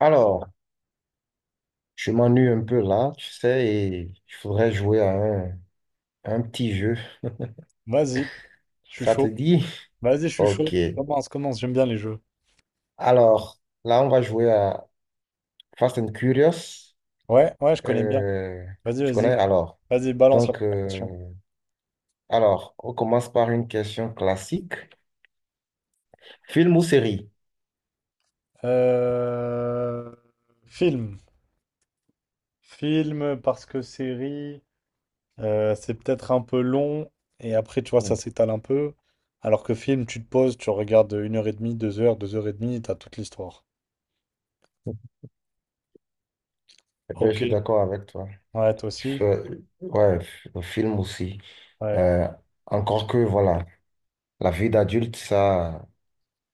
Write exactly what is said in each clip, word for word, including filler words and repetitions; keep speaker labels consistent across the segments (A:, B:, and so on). A: Alors, je m'ennuie un peu là, tu sais, et je voudrais jouer à un, un petit jeu.
B: Vas-y, je suis
A: Ça te
B: chaud.
A: dit?
B: Vas-y, je suis chaud.
A: Ok.
B: Commence, commence, j'aime bien les jeux.
A: Alors, là, on va jouer à Fast and Curious.
B: Ouais, ouais, je connais bien.
A: Euh,
B: Vas-y,
A: tu connais?
B: vas-y.
A: Alors,
B: Vas-y, balance la
A: donc,
B: première question.
A: euh, alors, on commence par une question classique. Film ou série?
B: Euh, Film. Film, parce que série, euh, c'est peut-être un peu long, et après, tu vois, ça
A: Hmm.
B: s'étale un peu. Alors que film, tu te poses, tu regardes une heure et demie, deux heures, deux heures et demie, t'as toute l'histoire.
A: Eh ben, je
B: Ok.
A: suis d'accord avec toi.
B: Ouais, toi aussi.
A: F- Ouais, f- un film aussi.
B: Ouais.
A: Euh, encore que, voilà, la vie d'adulte, ça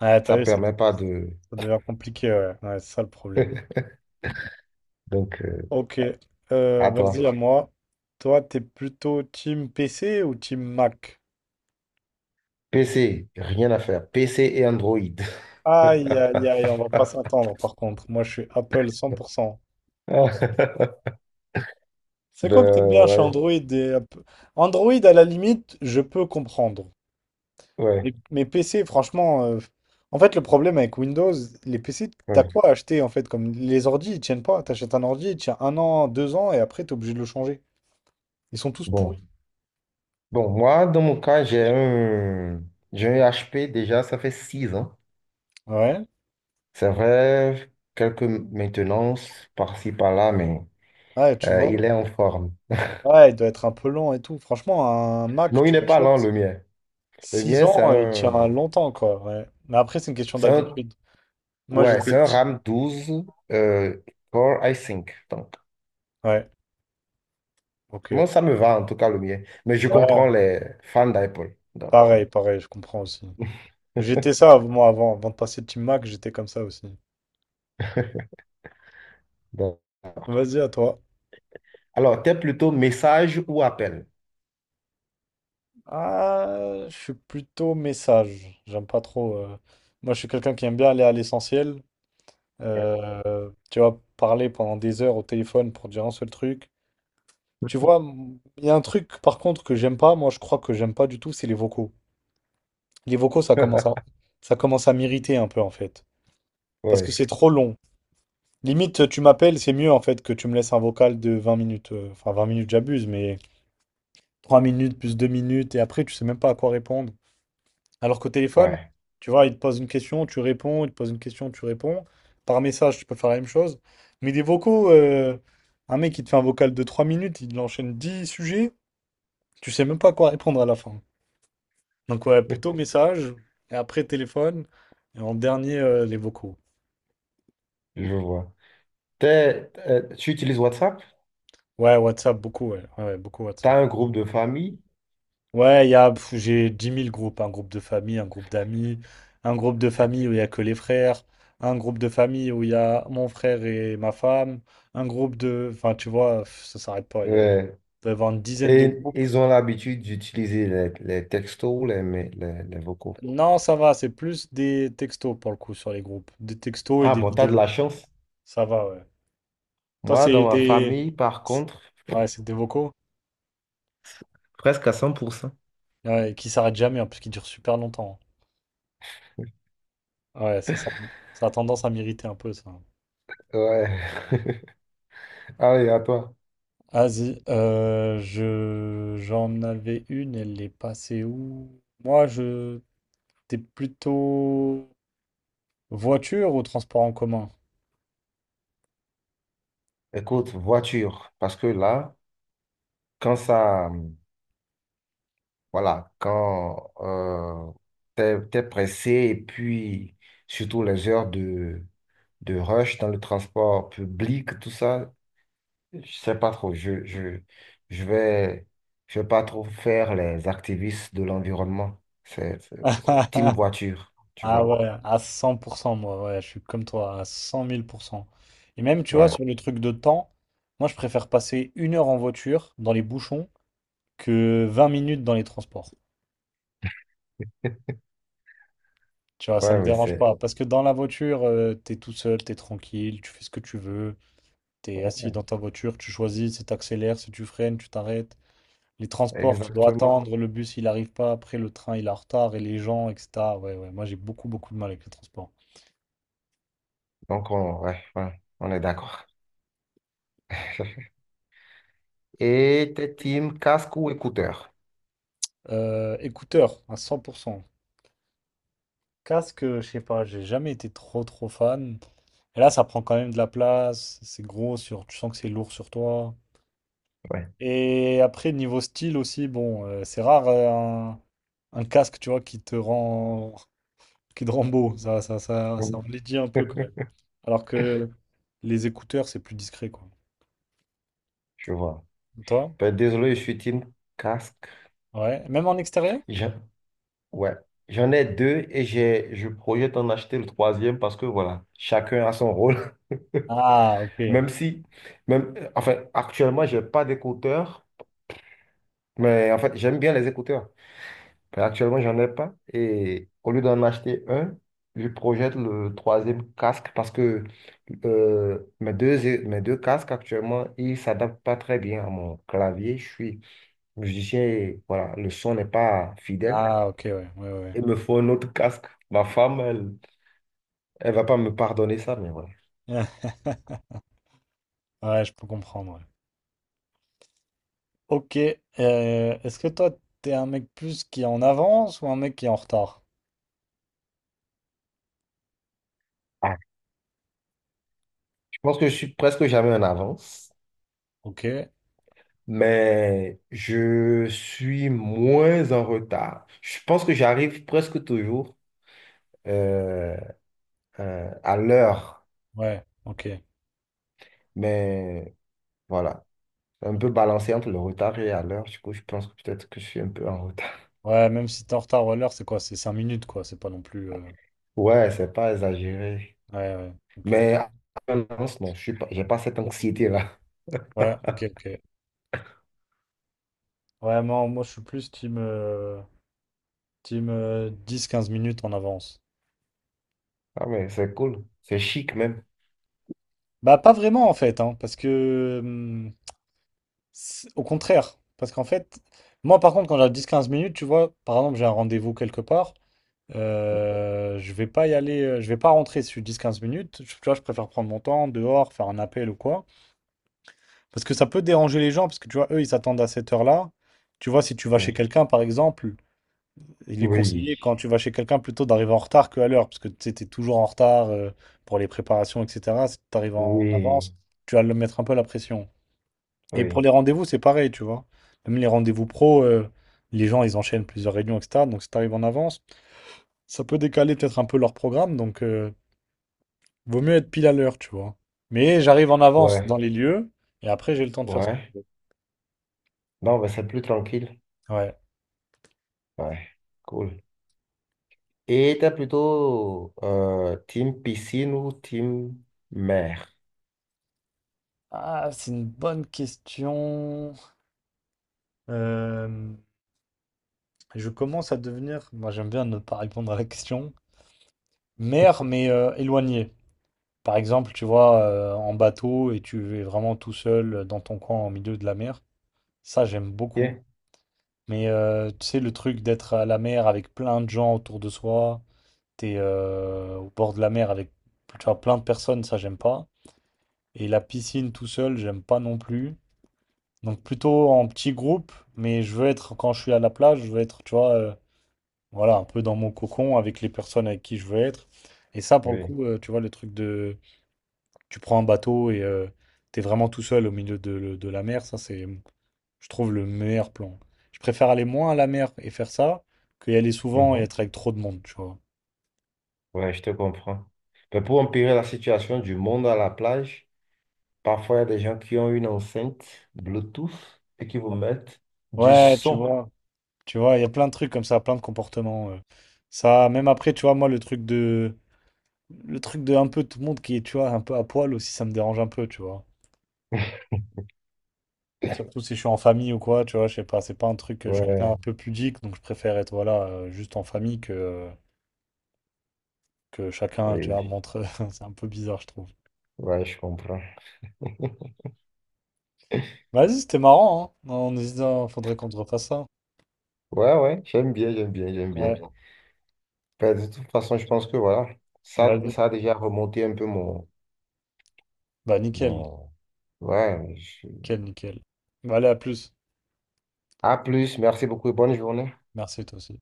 B: Ouais, t'as
A: ça
B: vu, ça
A: permet pas de...
B: ça devient compliqué, ouais. Ouais, c'est ça le problème.
A: Donc, euh,
B: Ok, euh,
A: à toi.
B: vas-y à moi. Toi, t'es plutôt team P C ou team Mac?
A: P C, rien à faire. P C et Android.
B: Aïe, aïe, aïe, on va pas s'attendre par contre. Moi, je suis Apple cent pour cent. C'est quoi que t'aimes
A: Ben,
B: bien chez
A: ouais,
B: Android et App- Android, à la limite, je peux comprendre.
A: ouais,
B: Mais, mais P C, franchement, euh, en fait, le problème avec Windows, les P C, t'as
A: ouais.
B: quoi à acheter en fait? Comme les ordi, ils tiennent pas. T'achètes un ordi, il tient un an, deux ans, et après, t'es obligé de le changer. Ils sont tous
A: Bon.
B: pourris.
A: Bon, moi, dans mon cas, j'ai un... J'ai un H P déjà, ça fait six ans.
B: Ouais,
A: C'est vrai, quelques maintenances par-ci, par-là, mais
B: ouais, tu
A: euh,
B: vois.
A: il est en forme.
B: Ouais, il doit être un peu long et tout. Franchement, un Mac,
A: Non, il
B: tu
A: n'est pas lent,
B: l'achètes
A: le mien. Le
B: six
A: mien, c'est
B: ans, il tient
A: un,
B: longtemps, quoi. Ouais. Mais après, c'est une question
A: c'est un,
B: d'habitude. Moi,
A: ouais,
B: j'étais.
A: c'est
B: Ouais.
A: un RAM douze euh, Core i cinq. Donc,
B: Ouais, ok.
A: moi, ça me va, en tout cas, le mien. Mais je
B: Ouais,
A: comprends les fans d'Apple. Donc,
B: pareil,
A: donc,
B: pareil, je comprends aussi. J'étais ça, moi, avant, avant de passer Team Mac, j'étais comme ça aussi.
A: donc.
B: Vas-y, à toi.
A: Alors, t'es plutôt message ou appel?
B: Ah, je suis plutôt message. J'aime pas trop. euh, Moi, je suis quelqu'un qui aime bien aller à l'essentiel. Euh, tu vois, parler pendant des heures au téléphone pour dire un seul truc. Tu vois, m- il y a un truc par contre que j'aime pas, moi je crois que j'aime pas du tout, c'est les vocaux. Les vocaux, ça commence à, ça commence à m'irriter un peu en fait. Parce que
A: Oui,
B: c'est trop long. Limite, tu m'appelles, c'est mieux en fait que tu me laisses un vocal de vingt minutes. euh, Enfin, vingt minutes, j'abuse, mais trois minutes plus deux minutes, et après, tu sais même pas à quoi répondre. Alors qu'au téléphone,
A: ouais,
B: tu vois, il te pose une question, tu réponds, il te pose une question, tu réponds. Par message, tu peux faire la même chose. Mais des vocaux, euh, un mec qui te fait un vocal de trois minutes, il enchaîne dix sujets, tu sais même pas à quoi répondre à la fin. Donc ouais, plutôt message, et après téléphone, et en dernier, euh, les vocaux.
A: je vois. T'es- euh, tu utilises WhatsApp?
B: Ouais, WhatsApp, beaucoup, ouais. Ouais, ouais, beaucoup
A: T'as
B: WhatsApp.
A: un groupe de famille?
B: Ouais, il y a, pff, j'ai dix mille groupes, un groupe de famille, un groupe d'amis, un groupe de famille où il y a que les frères, un groupe de famille où il y a mon frère et ma femme, un groupe de... Enfin, tu vois, pff, ça s'arrête pas, il y a- il
A: Ouais.
B: doit y avoir une dizaine de
A: Et
B: groupes.
A: ils ont l'habitude d'utiliser les, les textos, les, les, les vocaux.
B: Non, ça va, c'est plus des textos pour le coup sur les groupes, des textos et
A: Ah
B: des
A: bon, t'as de
B: vidéos.
A: la chance.
B: Ça va, ouais. Toi,
A: Moi,
B: c'est
A: dans ma
B: des...
A: famille, par contre,
B: Ouais, c'est des vocaux?
A: presque à cent pour cent.
B: Ouais, et qui s'arrête jamais, hein, parce qu'il dure super longtemps. Hein. Ouais, ça, ça, ça a tendance à m'irriter un peu, ça.
A: Ouais. Allez, à toi.
B: Vas-y, euh, je, j'en avais une, elle est passée où? Moi, je, t'es plutôt voiture ou transport en commun?
A: Écoute, voiture, parce que là, quand ça, hum, voilà, quand euh, t'es, t'es pressé et puis surtout les heures de, de rush dans le transport public, tout ça, je sais pas trop. Je, je, je vais, je vais pas trop faire les activistes de l'environnement. C'est c'est- c'est team voiture, tu
B: Ah
A: vois.
B: ouais, à cent pour cent, moi, ouais, je suis comme toi, à cent mille pour cent. Et même, tu vois,
A: Ouais,
B: sur le truc de temps, moi, je préfère passer une heure en voiture, dans les bouchons, que vingt minutes dans les transports. Tu vois, ça me
A: ouais, mais
B: dérange
A: c'est
B: pas. Parce que dans la voiture, euh, t'es tout seul, t'es tranquille, tu fais ce que tu veux. T'es assis
A: ouais,
B: dans ta voiture, tu choisis si t'accélères, si tu freines, tu t'arrêtes. Les transports, tu dois
A: exactement.
B: attendre. Le bus, il arrive pas. Après, le train, il est en retard. Et les gens, et cetera. Ouais, ouais. Moi, j'ai beaucoup, beaucoup de mal avec les transports.
A: Donc, on, ouais, ouais, on est d'accord. Et t'es team casque ou écouteur?
B: Euh, écouteurs, à cent pour cent. Casque, euh, je sais pas, j'ai jamais été trop, trop fan. Et là, ça prend quand même de la place. C'est gros sur... Tu sens que c'est lourd sur toi.
A: Ouais.
B: Et après, niveau style aussi, bon, euh, c'est rare euh, un, un casque, tu vois, qui te rend, qui te rend beau. Ça, ça, ça, ça enlaidit un peu quand même. Alors que les écouteurs, c'est plus discret, quoi.
A: Je vois.
B: Et toi?
A: Ben, désolé, je suis team casque.
B: Ouais. Même en extérieur?
A: J'en- ouais. J'en ai deux et j'ai, je projette en acheter le troisième parce que voilà, chacun a son rôle.
B: Ah, ok.
A: Même si, même, enfin, actuellement, j'ai pas d'écouteurs, mais en fait, j'aime bien les écouteurs. Actuellement, j'en ai pas. Et au lieu d'en acheter un, je projette le troisième casque parce que euh, mes deux, é- mes deux casques actuellement, ils ne s'adaptent pas très bien à mon clavier. Je suis musicien et voilà, le son n'est pas fidèle.
B: Ah, ok, ouais, ouais, ouais.
A: Il me faut un autre casque. Ma femme, elle, elle va pas me pardonner ça, mais voilà.
B: Ouais, Ouais, je peux comprendre. Ouais. Ok. Euh, est-ce que toi, t'es un mec plus qui est en avance ou un mec qui est en retard?
A: Ah, je pense que je suis presque jamais en avance.
B: Ok.
A: Mais je suis moins en retard. Je pense que j'arrive presque toujours euh, euh, à l'heure,
B: Ouais, ok.
A: mais voilà, un peu
B: Ok.
A: balancé entre le retard et à l'heure. Du coup, je pense que peut-être que je suis un peu en retard.
B: Ouais, même si t'es en retard ou à l'heure, c'est quoi? C'est cinq minutes, quoi. C'est pas non plus. euh,
A: Ouais, c'est pas exagéré,
B: Ouais, ouais, ok.
A: mais à avance, non, je suis pas, j'ai pas cette anxiété-là.
B: Ouais, ok, ok. Ouais, moi, moi je suis plus team, euh, team euh, dix quinze minutes en avance.
A: Ah, mais c'est cool, c'est chic même.
B: Bah, pas vraiment en fait, hein, parce que. hum, c'est- au contraire. Parce qu'en fait, moi par contre, quand j'ai dix quinze minutes, tu vois, par exemple, j'ai un rendez-vous quelque part, euh, je vais pas y aller, euh, je vais pas rentrer sur dix quinze minutes. Je- Tu vois, je préfère prendre mon temps dehors, faire un appel ou quoi. Parce que ça peut déranger les gens, parce que tu vois, eux, ils s'attendent à cette heure-là. Tu vois, si tu vas chez
A: Oui,
B: quelqu'un, par exemple. Il est
A: oui,
B: conseillé quand tu vas chez quelqu'un plutôt d'arriver en retard qu'à l'heure, parce que tu sais, t'es toujours en retard euh, pour les préparations, et cetera. Si tu arrives en
A: oui,
B: avance, tu vas le mettre un peu la pression. Et pour
A: oui,
B: les rendez-vous, c'est pareil, tu vois. Même les rendez-vous pro, euh, les gens, ils enchaînent plusieurs réunions, et cetera. Donc si tu arrives en avance, ça peut décaler peut-être un peu leur programme, donc euh, vaut mieux être pile à l'heure, tu vois. Mais j'arrive en avance dans
A: ouais,
B: les lieux, et après j'ai le temps de faire ce...
A: ouais. Non, mais c'est plus tranquille.
B: que... Ouais.
A: Ouais, cool. Et était plutôt euh, team piscine ou team mer?
B: Ah, c'est une bonne question. Euh, Je commence à devenir, moi j'aime bien ne pas répondre à la question, mer mais euh, éloigné. Par exemple, tu vois, euh, en bateau et tu es vraiment tout seul euh, dans ton coin au milieu de la mer. Ça, j'aime beaucoup.
A: Yeah.
B: Mais euh, tu sais, le truc d'être à la mer avec plein de gens autour de soi, t'es euh, au bord de la mer avec tu vois, plein de personnes, ça, j'aime pas. Et la piscine tout seul, j'aime pas non plus. Donc plutôt en petit groupe, mais je veux être, quand je suis à la plage, je veux être, tu vois, euh, voilà, un peu dans mon cocon avec les personnes avec qui je veux être. Et ça, pour le
A: Oui.
B: coup, euh, tu vois, le truc de... Tu prends un bateau et euh, t'es vraiment tout seul au milieu de, de la mer, ça, c'est, je trouve, le meilleur plan. Je préfère aller moins à la mer et faire ça que y aller souvent et
A: Mhm.
B: être avec trop de monde, tu vois.
A: Ouais, je te comprends. Mais pour empirer la situation du monde à la plage, parfois il y a des gens qui ont une enceinte Bluetooth et qui vous mettent du
B: Ouais, tu
A: son.
B: vois, tu vois, il y a plein de trucs comme ça, plein de comportements. euh. Ça, même après, tu vois, moi, le truc de... Le truc de un peu tout le monde qui est, tu vois, un peu à poil aussi, ça me dérange un peu, tu vois. Surtout si je suis en famille ou quoi, tu vois, je sais pas, c'est pas un truc que je suis un
A: Ouais,
B: peu pudique, donc je préfère être voilà, euh, juste en famille que, euh, que chacun, tu
A: oui.
B: vois, montre. C'est un peu bizarre, je trouve.
A: Ouais, je comprends.
B: Vas-y, c'était marrant, hein. On hésite, hein, faudrait qu'on te refasse ça.
A: Ouais, ouais, j'aime bien, j'aime bien, j'aime
B: Ouais,
A: bien. Ben, de toute façon, je pense que voilà, ça,
B: vas-y.
A: ça a déjà remonté un peu mon,
B: Bah nickel,
A: mon... Ouais, je-
B: nickel, nickel. Bah allez, à plus.
A: à plus, merci beaucoup et bonne journée.
B: Merci toi aussi.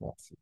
A: Merci.